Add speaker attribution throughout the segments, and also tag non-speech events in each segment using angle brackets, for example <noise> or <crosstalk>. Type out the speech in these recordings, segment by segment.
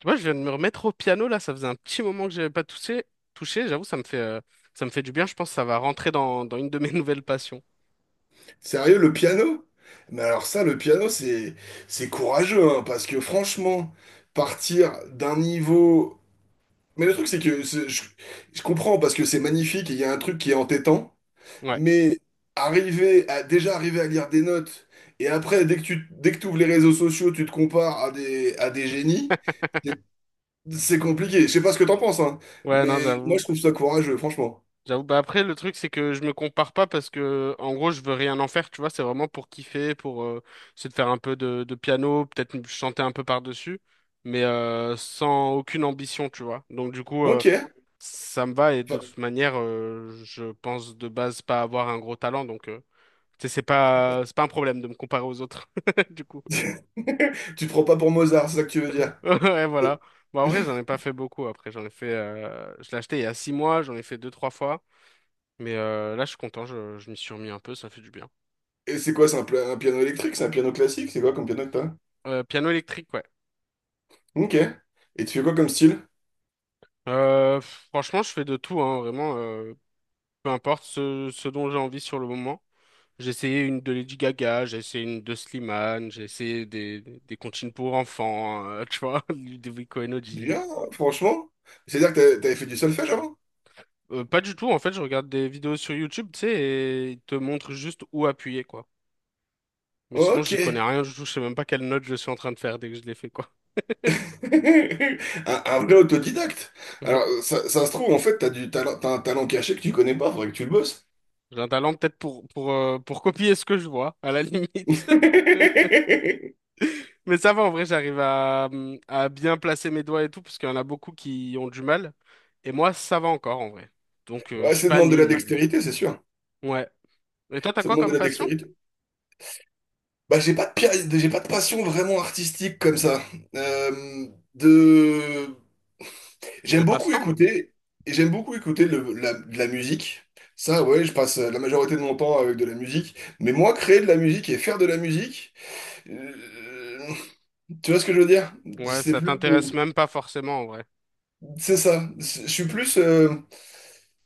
Speaker 1: Tu vois, je viens de me remettre au piano là, ça faisait un petit moment que j'avais pas touché, j'avoue, ça me fait du bien, je pense que ça va rentrer dans une de mes <laughs> nouvelles passions.
Speaker 2: Sérieux, le piano? Mais alors ça, le piano, c'est courageux, hein, parce que franchement, partir d'un niveau... Mais le truc, c'est que je comprends, parce que c'est magnifique, et il y a un truc qui est entêtant,
Speaker 1: Ouais.
Speaker 2: mais arriver à déjà arriver à lire des notes, et après, dès que tu ouvres les réseaux sociaux, tu te compares à des génies, c'est c'est compliqué. Je sais pas ce que t'en penses, hein,
Speaker 1: Ouais, non,
Speaker 2: mais moi, je
Speaker 1: j'avoue.
Speaker 2: trouve ça courageux, franchement.
Speaker 1: J'avoue. Bah après, le truc, c'est que je me compare pas parce que, en gros, je veux rien en faire, tu vois. C'est vraiment pour kiffer, pour essayer de faire un peu de piano, peut-être chanter un peu par-dessus, mais sans aucune ambition, tu vois. Donc, du coup,
Speaker 2: Ok.
Speaker 1: ça me va et de
Speaker 2: Enfin,
Speaker 1: toute manière, je pense de base pas avoir un gros talent, donc. Tu sais, c'est pas un problème de me comparer aux autres, <laughs> du coup. <laughs>
Speaker 2: <laughs> tu te prends pas pour Mozart, c'est ça que tu veux dire?
Speaker 1: Ouais, voilà. Bon, en vrai, j'en ai pas fait beaucoup. Après, j'en ai fait, je l'ai acheté il y a six mois, j'en ai fait deux, trois fois. Mais là, je suis content, je m'y suis remis un peu, ça fait du bien.
Speaker 2: Et c'est quoi, un piano électrique? C'est un piano classique? C'est quoi comme piano que t'as?
Speaker 1: Piano électrique, ouais.
Speaker 2: Ok. Et tu fais quoi comme style?
Speaker 1: Franchement, je fais de tout, hein, vraiment. Peu importe ce dont j'ai envie sur le moment. J'ai essayé une de Lady Gaga, j'ai essayé une de Slimane, j'ai essayé des comptines pour enfants, tu vois, <laughs> des Vico.
Speaker 2: Bien, franchement. C'est-à-dire que t'avais fait du solfège avant?
Speaker 1: Pas du tout, en fait, je regarde des vidéos sur YouTube, tu sais, et ils te montrent juste où appuyer, quoi. Mais sinon,
Speaker 2: Ok.
Speaker 1: j'y connais rien du tout, je sais même pas quelle note je suis en train de faire dès que je l'ai fait, quoi.
Speaker 2: <laughs> Un vrai autodidacte. Alors,
Speaker 1: <laughs>
Speaker 2: ça se trouve, en fait, t'as du talent, t'as un talent caché que tu connais pas, faudrait que tu le bosses.
Speaker 1: J'ai un talent peut-être pour copier ce que je vois, à la limite. <laughs>
Speaker 2: <laughs>
Speaker 1: Mais ça va, en vrai, j'arrive à bien placer mes doigts et tout, parce qu'il y en a beaucoup qui ont du mal. Et moi, ça va encore, en vrai. Donc, je
Speaker 2: Ouais,
Speaker 1: suis
Speaker 2: ça
Speaker 1: pas
Speaker 2: demande de la
Speaker 1: nul, nul.
Speaker 2: dextérité, c'est sûr.
Speaker 1: Ouais. Et toi, t'as
Speaker 2: Ça
Speaker 1: quoi
Speaker 2: demande de
Speaker 1: comme
Speaker 2: la
Speaker 1: passion?
Speaker 2: dextérité. Bah, j'ai pas de passion vraiment artistique comme ça. Euh, de...
Speaker 1: Ou de
Speaker 2: J'aime beaucoup
Speaker 1: passe-temps, même?
Speaker 2: écouter, et j'aime beaucoup écouter de la musique. Ça, ouais, je passe la majorité de mon temps avec de la musique. Mais moi, créer de la musique et faire de la musique, euh, tu vois ce que je veux dire?
Speaker 1: Ouais,
Speaker 2: C'est
Speaker 1: ça
Speaker 2: plus,
Speaker 1: t'intéresse même pas forcément, en vrai.
Speaker 2: c'est ça. Je suis plus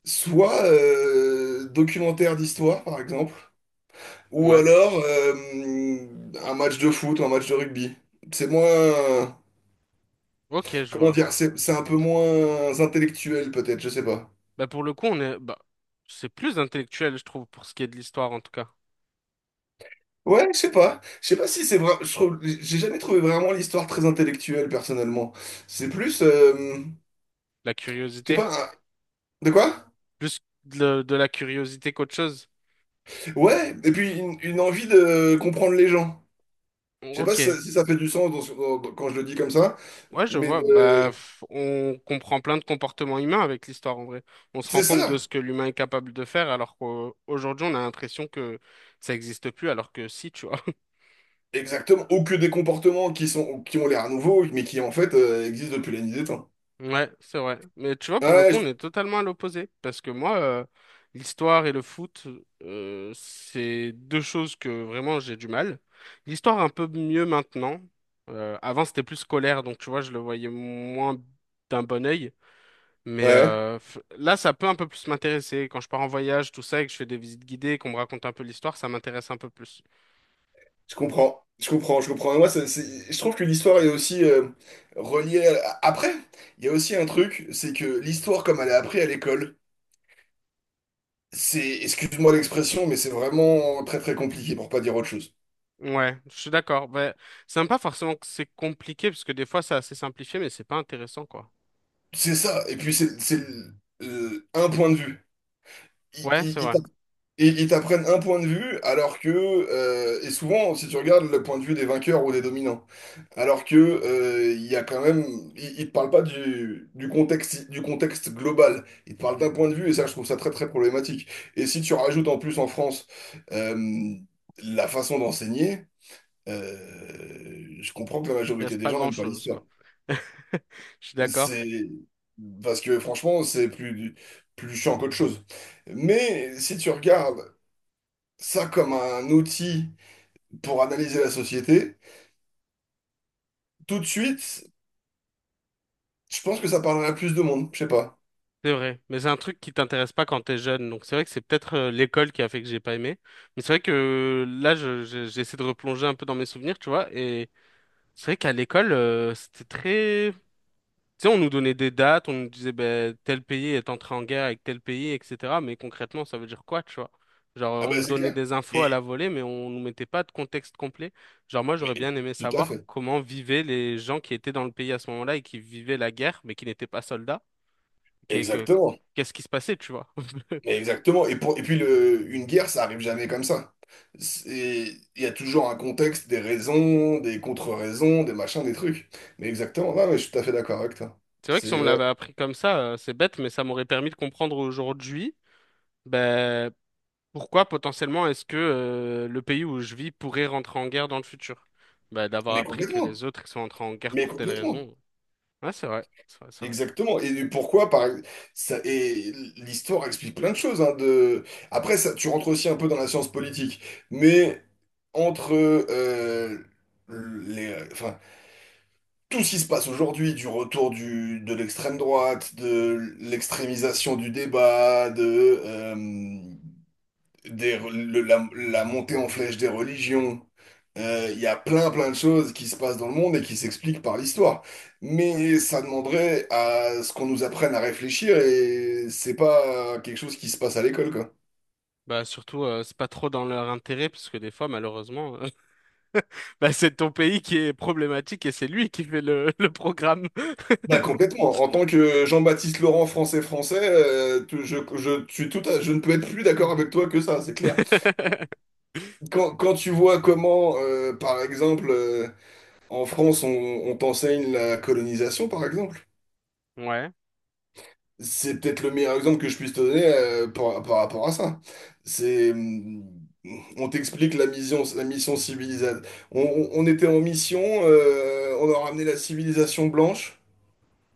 Speaker 2: soit documentaire d'histoire, par exemple, ou
Speaker 1: Ouais.
Speaker 2: alors un match de foot ou un match de rugby. C'est moins,
Speaker 1: Ok, je
Speaker 2: comment
Speaker 1: vois.
Speaker 2: dire, c'est un peu moins intellectuel, peut-être, je sais pas.
Speaker 1: Bah pour le coup, on est bah c'est plus intellectuel, je trouve, pour ce qui est de l'histoire en tout cas.
Speaker 2: Ouais, je sais pas. Je sais pas si c'est vrai. Je trouve, j'ai jamais trouvé vraiment l'histoire très intellectuelle, personnellement. C'est plus,
Speaker 1: La
Speaker 2: je sais
Speaker 1: curiosité,
Speaker 2: pas, de quoi?
Speaker 1: plus de la curiosité qu'autre chose.
Speaker 2: Ouais, et puis une envie de comprendre les gens. Je sais pas si
Speaker 1: Ok,
Speaker 2: ça, si ça fait du sens dans ce- dans- dans- quand je le dis comme ça,
Speaker 1: ouais, je
Speaker 2: mais
Speaker 1: vois. On comprend plein de comportements humains avec l'histoire en vrai. On se rend
Speaker 2: c'est
Speaker 1: compte de
Speaker 2: ça,
Speaker 1: ce que l'humain est capable de faire, alors qu'aujourd'hui on a l'impression que ça n'existe plus, alors que si, tu vois.
Speaker 2: exactement. Ou que des comportements qui sont, qui ont l'air nouveaux, mais qui en fait existent depuis la nuit des temps.
Speaker 1: Ouais, c'est vrai. Mais tu vois, pour le
Speaker 2: Ouais,
Speaker 1: coup, on
Speaker 2: je-
Speaker 1: est totalement à l'opposé. Parce que moi, l'histoire et le foot, c'est deux choses que vraiment j'ai du mal. L'histoire un peu mieux maintenant. Avant, c'était plus scolaire, donc tu vois, je le voyais moins d'un bon œil. Mais
Speaker 2: ouais.
Speaker 1: là, ça peut un peu plus m'intéresser. Quand je pars en voyage, tout ça, et que je fais des visites guidées, qu'on me raconte un peu l'histoire, ça m'intéresse un peu plus.
Speaker 2: Je comprends, je comprends, je comprends. Et moi, je trouve que l'histoire est aussi reliée à- Après, il y a aussi un truc, c'est que l'histoire, comme elle est apprise à l'école, c'est, excuse-moi l'expression, mais c'est vraiment très très compliqué pour pas dire autre chose.
Speaker 1: Ouais, je suis d'accord. Ouais, c'est même pas forcément que c'est compliqué, parce que des fois, c'est assez simplifié, mais c'est pas intéressant, quoi.
Speaker 2: C'est ça, et puis un point de vue.
Speaker 1: Ouais, c'est vrai.
Speaker 2: Et ils t'apprennent un point de vue, alors que, et souvent, si tu regardes le point de vue des vainqueurs ou des dominants, alors que, il y a quand même, ils te parlent pas du, du contexte global. Ils te parlent d'un point de vue, et ça, je trouve ça très, très problématique. Et si tu rajoutes en plus en France, euh, la façon d'enseigner, je comprends que la
Speaker 1: Il
Speaker 2: majorité
Speaker 1: reste
Speaker 2: des
Speaker 1: pas
Speaker 2: gens n'aiment pas
Speaker 1: grand-chose, quoi.
Speaker 2: l'histoire.
Speaker 1: <laughs> Je suis d'accord.
Speaker 2: C'est, parce que franchement, c'est plus, plus chiant qu'autre chose. Mais si tu regardes ça comme un outil pour analyser la société, tout de suite, je pense que ça parlerait à plus de monde. Je sais pas.
Speaker 1: C'est vrai. Mais c'est un truc qui t'intéresse pas quand t'es jeune. Donc c'est vrai que c'est peut-être l'école qui a fait que j'ai pas aimé. Mais c'est vrai que là, j'essaie de replonger un peu dans mes souvenirs, tu vois. Et c'est vrai qu'à l'école, c'était très... Tu sais, on nous donnait des dates, on nous disait ben, tel pays est entré en guerre avec tel pays, etc. Mais concrètement, ça veut dire quoi, tu vois? Genre,
Speaker 2: Ah
Speaker 1: on
Speaker 2: ben
Speaker 1: nous
Speaker 2: c'est
Speaker 1: donnait
Speaker 2: clair.
Speaker 1: des infos à la
Speaker 2: Et
Speaker 1: volée, mais on nous mettait pas de contexte complet. Genre, moi,
Speaker 2: mais,
Speaker 1: j'aurais bien aimé
Speaker 2: tout à
Speaker 1: savoir
Speaker 2: fait.
Speaker 1: comment vivaient les gens qui étaient dans le pays à ce moment-là et qui vivaient la guerre, mais qui n'étaient pas soldats. Qu'est- que-
Speaker 2: Exactement.
Speaker 1: Qu'est-ce qui se passait, tu vois? <laughs>
Speaker 2: Mais exactement. Et pour, et puis le, une guerre, ça arrive jamais comme ça. C'est- Il y a toujours un contexte, des raisons, des contre-raisons, des machins, des trucs. Mais exactement. Ouais, ouais, je suis tout à fait d'accord avec toi.
Speaker 1: C'est vrai que si on
Speaker 2: C'est
Speaker 1: me
Speaker 2: ouais.
Speaker 1: l'avait appris comme ça, c'est bête, mais ça m'aurait permis de comprendre aujourd'hui. Ben, pourquoi potentiellement est-ce que le pays où je vis pourrait rentrer en guerre dans le futur? Bah, d'avoir
Speaker 2: Mais
Speaker 1: appris que
Speaker 2: complètement.
Speaker 1: les autres ils sont entrés en guerre
Speaker 2: Mais
Speaker 1: pour telle
Speaker 2: complètement.
Speaker 1: raison. Ouais, c'est vrai, c'est vrai, c'est vrai.
Speaker 2: Exactement. Et pourquoi, et l'histoire explique plein de choses, hein, de... Après, ça, tu rentres aussi un peu dans la science politique, mais entre enfin, tout ce qui se passe aujourd'hui, du retour du, de l'extrême droite, de l'extrémisation du débat, de, des re- le- la montée en flèche des religions. Il y a plein plein de choses qui se passent dans le monde et qui s'expliquent par l'histoire. Mais ça demanderait à ce qu'on nous apprenne à réfléchir et c'est pas quelque chose qui se passe à l'école, quoi.
Speaker 1: Bah, surtout, c'est pas trop dans leur intérêt, parce que des fois, malheureusement, <laughs> bah, c'est ton pays qui est problématique et c'est lui qui fait le programme.
Speaker 2: Bah complètement. En tant que Jean-Baptiste Laurent français français, je suis je ne peux être plus d'accord avec toi que ça, c'est clair.
Speaker 1: <laughs>
Speaker 2: Quand, quand tu vois comment, par exemple, en France, on t'enseigne la colonisation, par exemple.
Speaker 1: Ouais,
Speaker 2: C'est peut-être le meilleur exemple que je puisse te donner par, par rapport à ça. C'est, on t'explique la mission civilisation. On était en mission, on a ramené la civilisation blanche.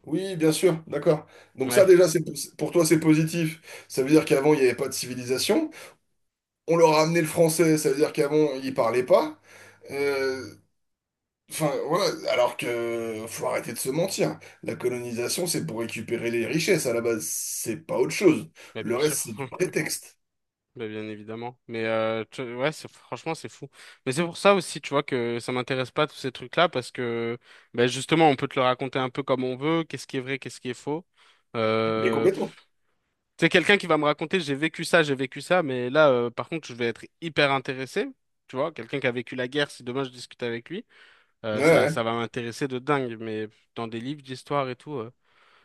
Speaker 2: Oui, bien sûr, d'accord. Donc ça
Speaker 1: ouais,
Speaker 2: déjà, c'est, pour toi, c'est positif. Ça veut dire qu'avant, il n'y avait pas de civilisation. On leur a ramené le français, ça veut dire qu'avant, ils parlaient pas. Euh, Enfin, voilà, alors que faut arrêter de se mentir. La colonisation, c'est pour récupérer les richesses à la base, c'est pas autre chose.
Speaker 1: bah,
Speaker 2: Le
Speaker 1: bien sûr.
Speaker 2: reste, c'est du
Speaker 1: <laughs>
Speaker 2: prétexte.
Speaker 1: Bah, bien évidemment. Mais ouais, c'est, franchement, c'est fou. Mais c'est pour ça aussi, tu vois, que ça m'intéresse pas tous ces trucs-là, parce que bah, justement, on peut te le raconter un peu comme on veut, qu'est-ce qui est vrai, qu'est-ce qui est faux.
Speaker 2: Mais
Speaker 1: Euh,
Speaker 2: complètement.
Speaker 1: pff, quelqu'un qui va me raconter, j'ai vécu ça, mais là, par contre, je vais être hyper intéressé. Tu vois, quelqu'un qui a vécu la guerre, si demain je discute avec lui,
Speaker 2: Ouais,
Speaker 1: ça,
Speaker 2: ouais,
Speaker 1: ça va m'intéresser de dingue. Mais dans des livres d'histoire et tout.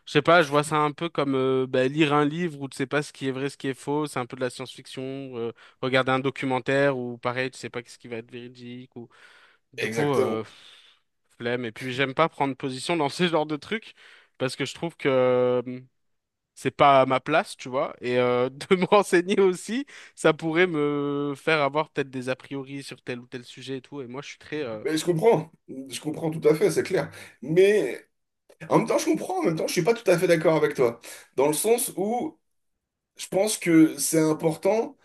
Speaker 1: Je sais pas, je vois ça un peu comme bah, lire un livre où tu sais pas ce qui est vrai, ce qui est faux, c'est un peu de la science-fiction, euh, regarder un documentaire où pareil, tu sais pas ce qui va être véridique ou du coup
Speaker 2: exactement.
Speaker 1: euh, flemme et puis j'aime pas prendre position dans <laughs> ce genre de trucs parce que je trouve que c'est pas à ma place, tu vois, et <laughs> de me renseigner aussi, ça pourrait me faire avoir peut-être des a priori sur tel ou tel sujet et tout et moi je suis très
Speaker 2: Mais je comprends tout à fait, c'est clair. Mais en même temps, je comprends, en même temps, je suis pas tout à fait d'accord avec toi. Dans le sens où je pense que c'est important.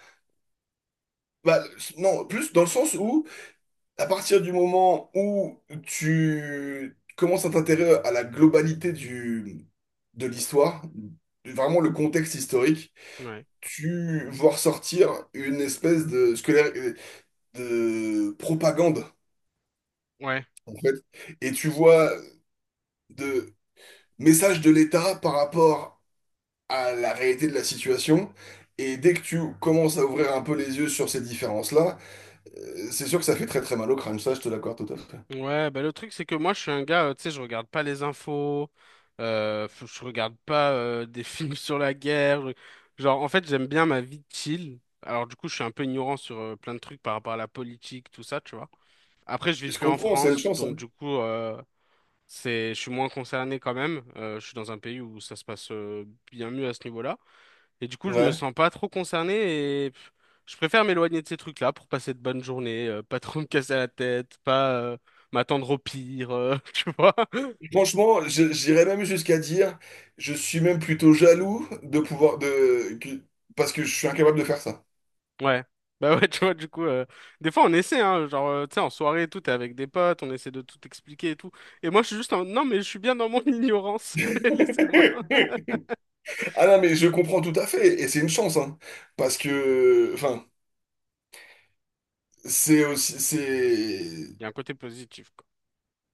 Speaker 2: Bah, non, plus dans le sens où à partir du moment où tu commences à t'intéresser à la globalité du, de l'histoire, vraiment le contexte historique,
Speaker 1: ouais.
Speaker 2: tu vois ressortir une espèce de, scolaire, de propagande,
Speaker 1: Ouais.
Speaker 2: en fait. Et tu vois de messages de l'État par rapport à la réalité de la situation. Et dès que tu commences à ouvrir un peu les yeux sur ces différences-là, c'est sûr que ça fait très très mal au crâne. Ça, je te l'accorde tout à fait.
Speaker 1: Ouais, bah le truc c'est que moi je suis un gars, tu sais, je regarde pas les infos, je regarde pas des <laughs> films sur la guerre. Genre en fait j'aime bien ma vie chill. Alors du coup je suis un peu ignorant sur plein de trucs par rapport à la politique, tout ça, tu vois. Après je vis
Speaker 2: Je
Speaker 1: plus en
Speaker 2: comprends, c'est une
Speaker 1: France,
Speaker 2: chance,
Speaker 1: donc
Speaker 2: hein.
Speaker 1: du coup c'est, je suis moins concerné quand même. Je suis dans un pays où ça se passe bien mieux à ce niveau-là. Et du coup, je me
Speaker 2: Ouais.
Speaker 1: sens pas trop concerné et je préfère m'éloigner de ces trucs-là pour passer de bonnes journées, pas trop <laughs> me casser la tête, pas m'attendre au pire, <laughs> tu vois.
Speaker 2: Franchement, j'irais même jusqu'à dire, je suis même plutôt jaloux de pouvoir de que- parce que je suis incapable de faire ça.
Speaker 1: Ouais. Bah ouais, tu vois, du coup, des fois on essaie, hein, genre, tu sais, en soirée et tout, t'es avec des potes, on essaie de tout expliquer et tout. Et moi, je suis juste en, non, mais je suis bien dans mon <laughs> ignorance, <laughs> laissez-moi.
Speaker 2: <laughs> Ah non, mais je comprends tout à fait et c'est une chance, hein, parce que enfin c'est aussi c'est
Speaker 1: Il y a un côté positif, quoi.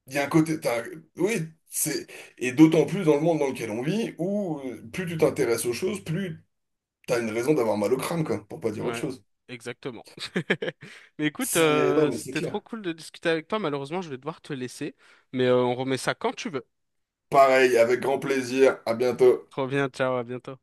Speaker 2: il y a un côté t'as- oui c'est et d'autant plus dans le monde dans lequel on vit où plus tu t'intéresses aux choses, plus t'as une raison d'avoir mal au crâne quoi, pour pas dire autre
Speaker 1: Ouais,
Speaker 2: chose.
Speaker 1: exactement. <laughs> Mais écoute,
Speaker 2: C'est non mais c'est
Speaker 1: c'était trop
Speaker 2: clair.
Speaker 1: cool de discuter avec toi. Malheureusement, je vais devoir te laisser, mais on remet ça quand tu veux.
Speaker 2: Pareil, avec grand plaisir. À bientôt.
Speaker 1: Trop bien, ciao, à bientôt.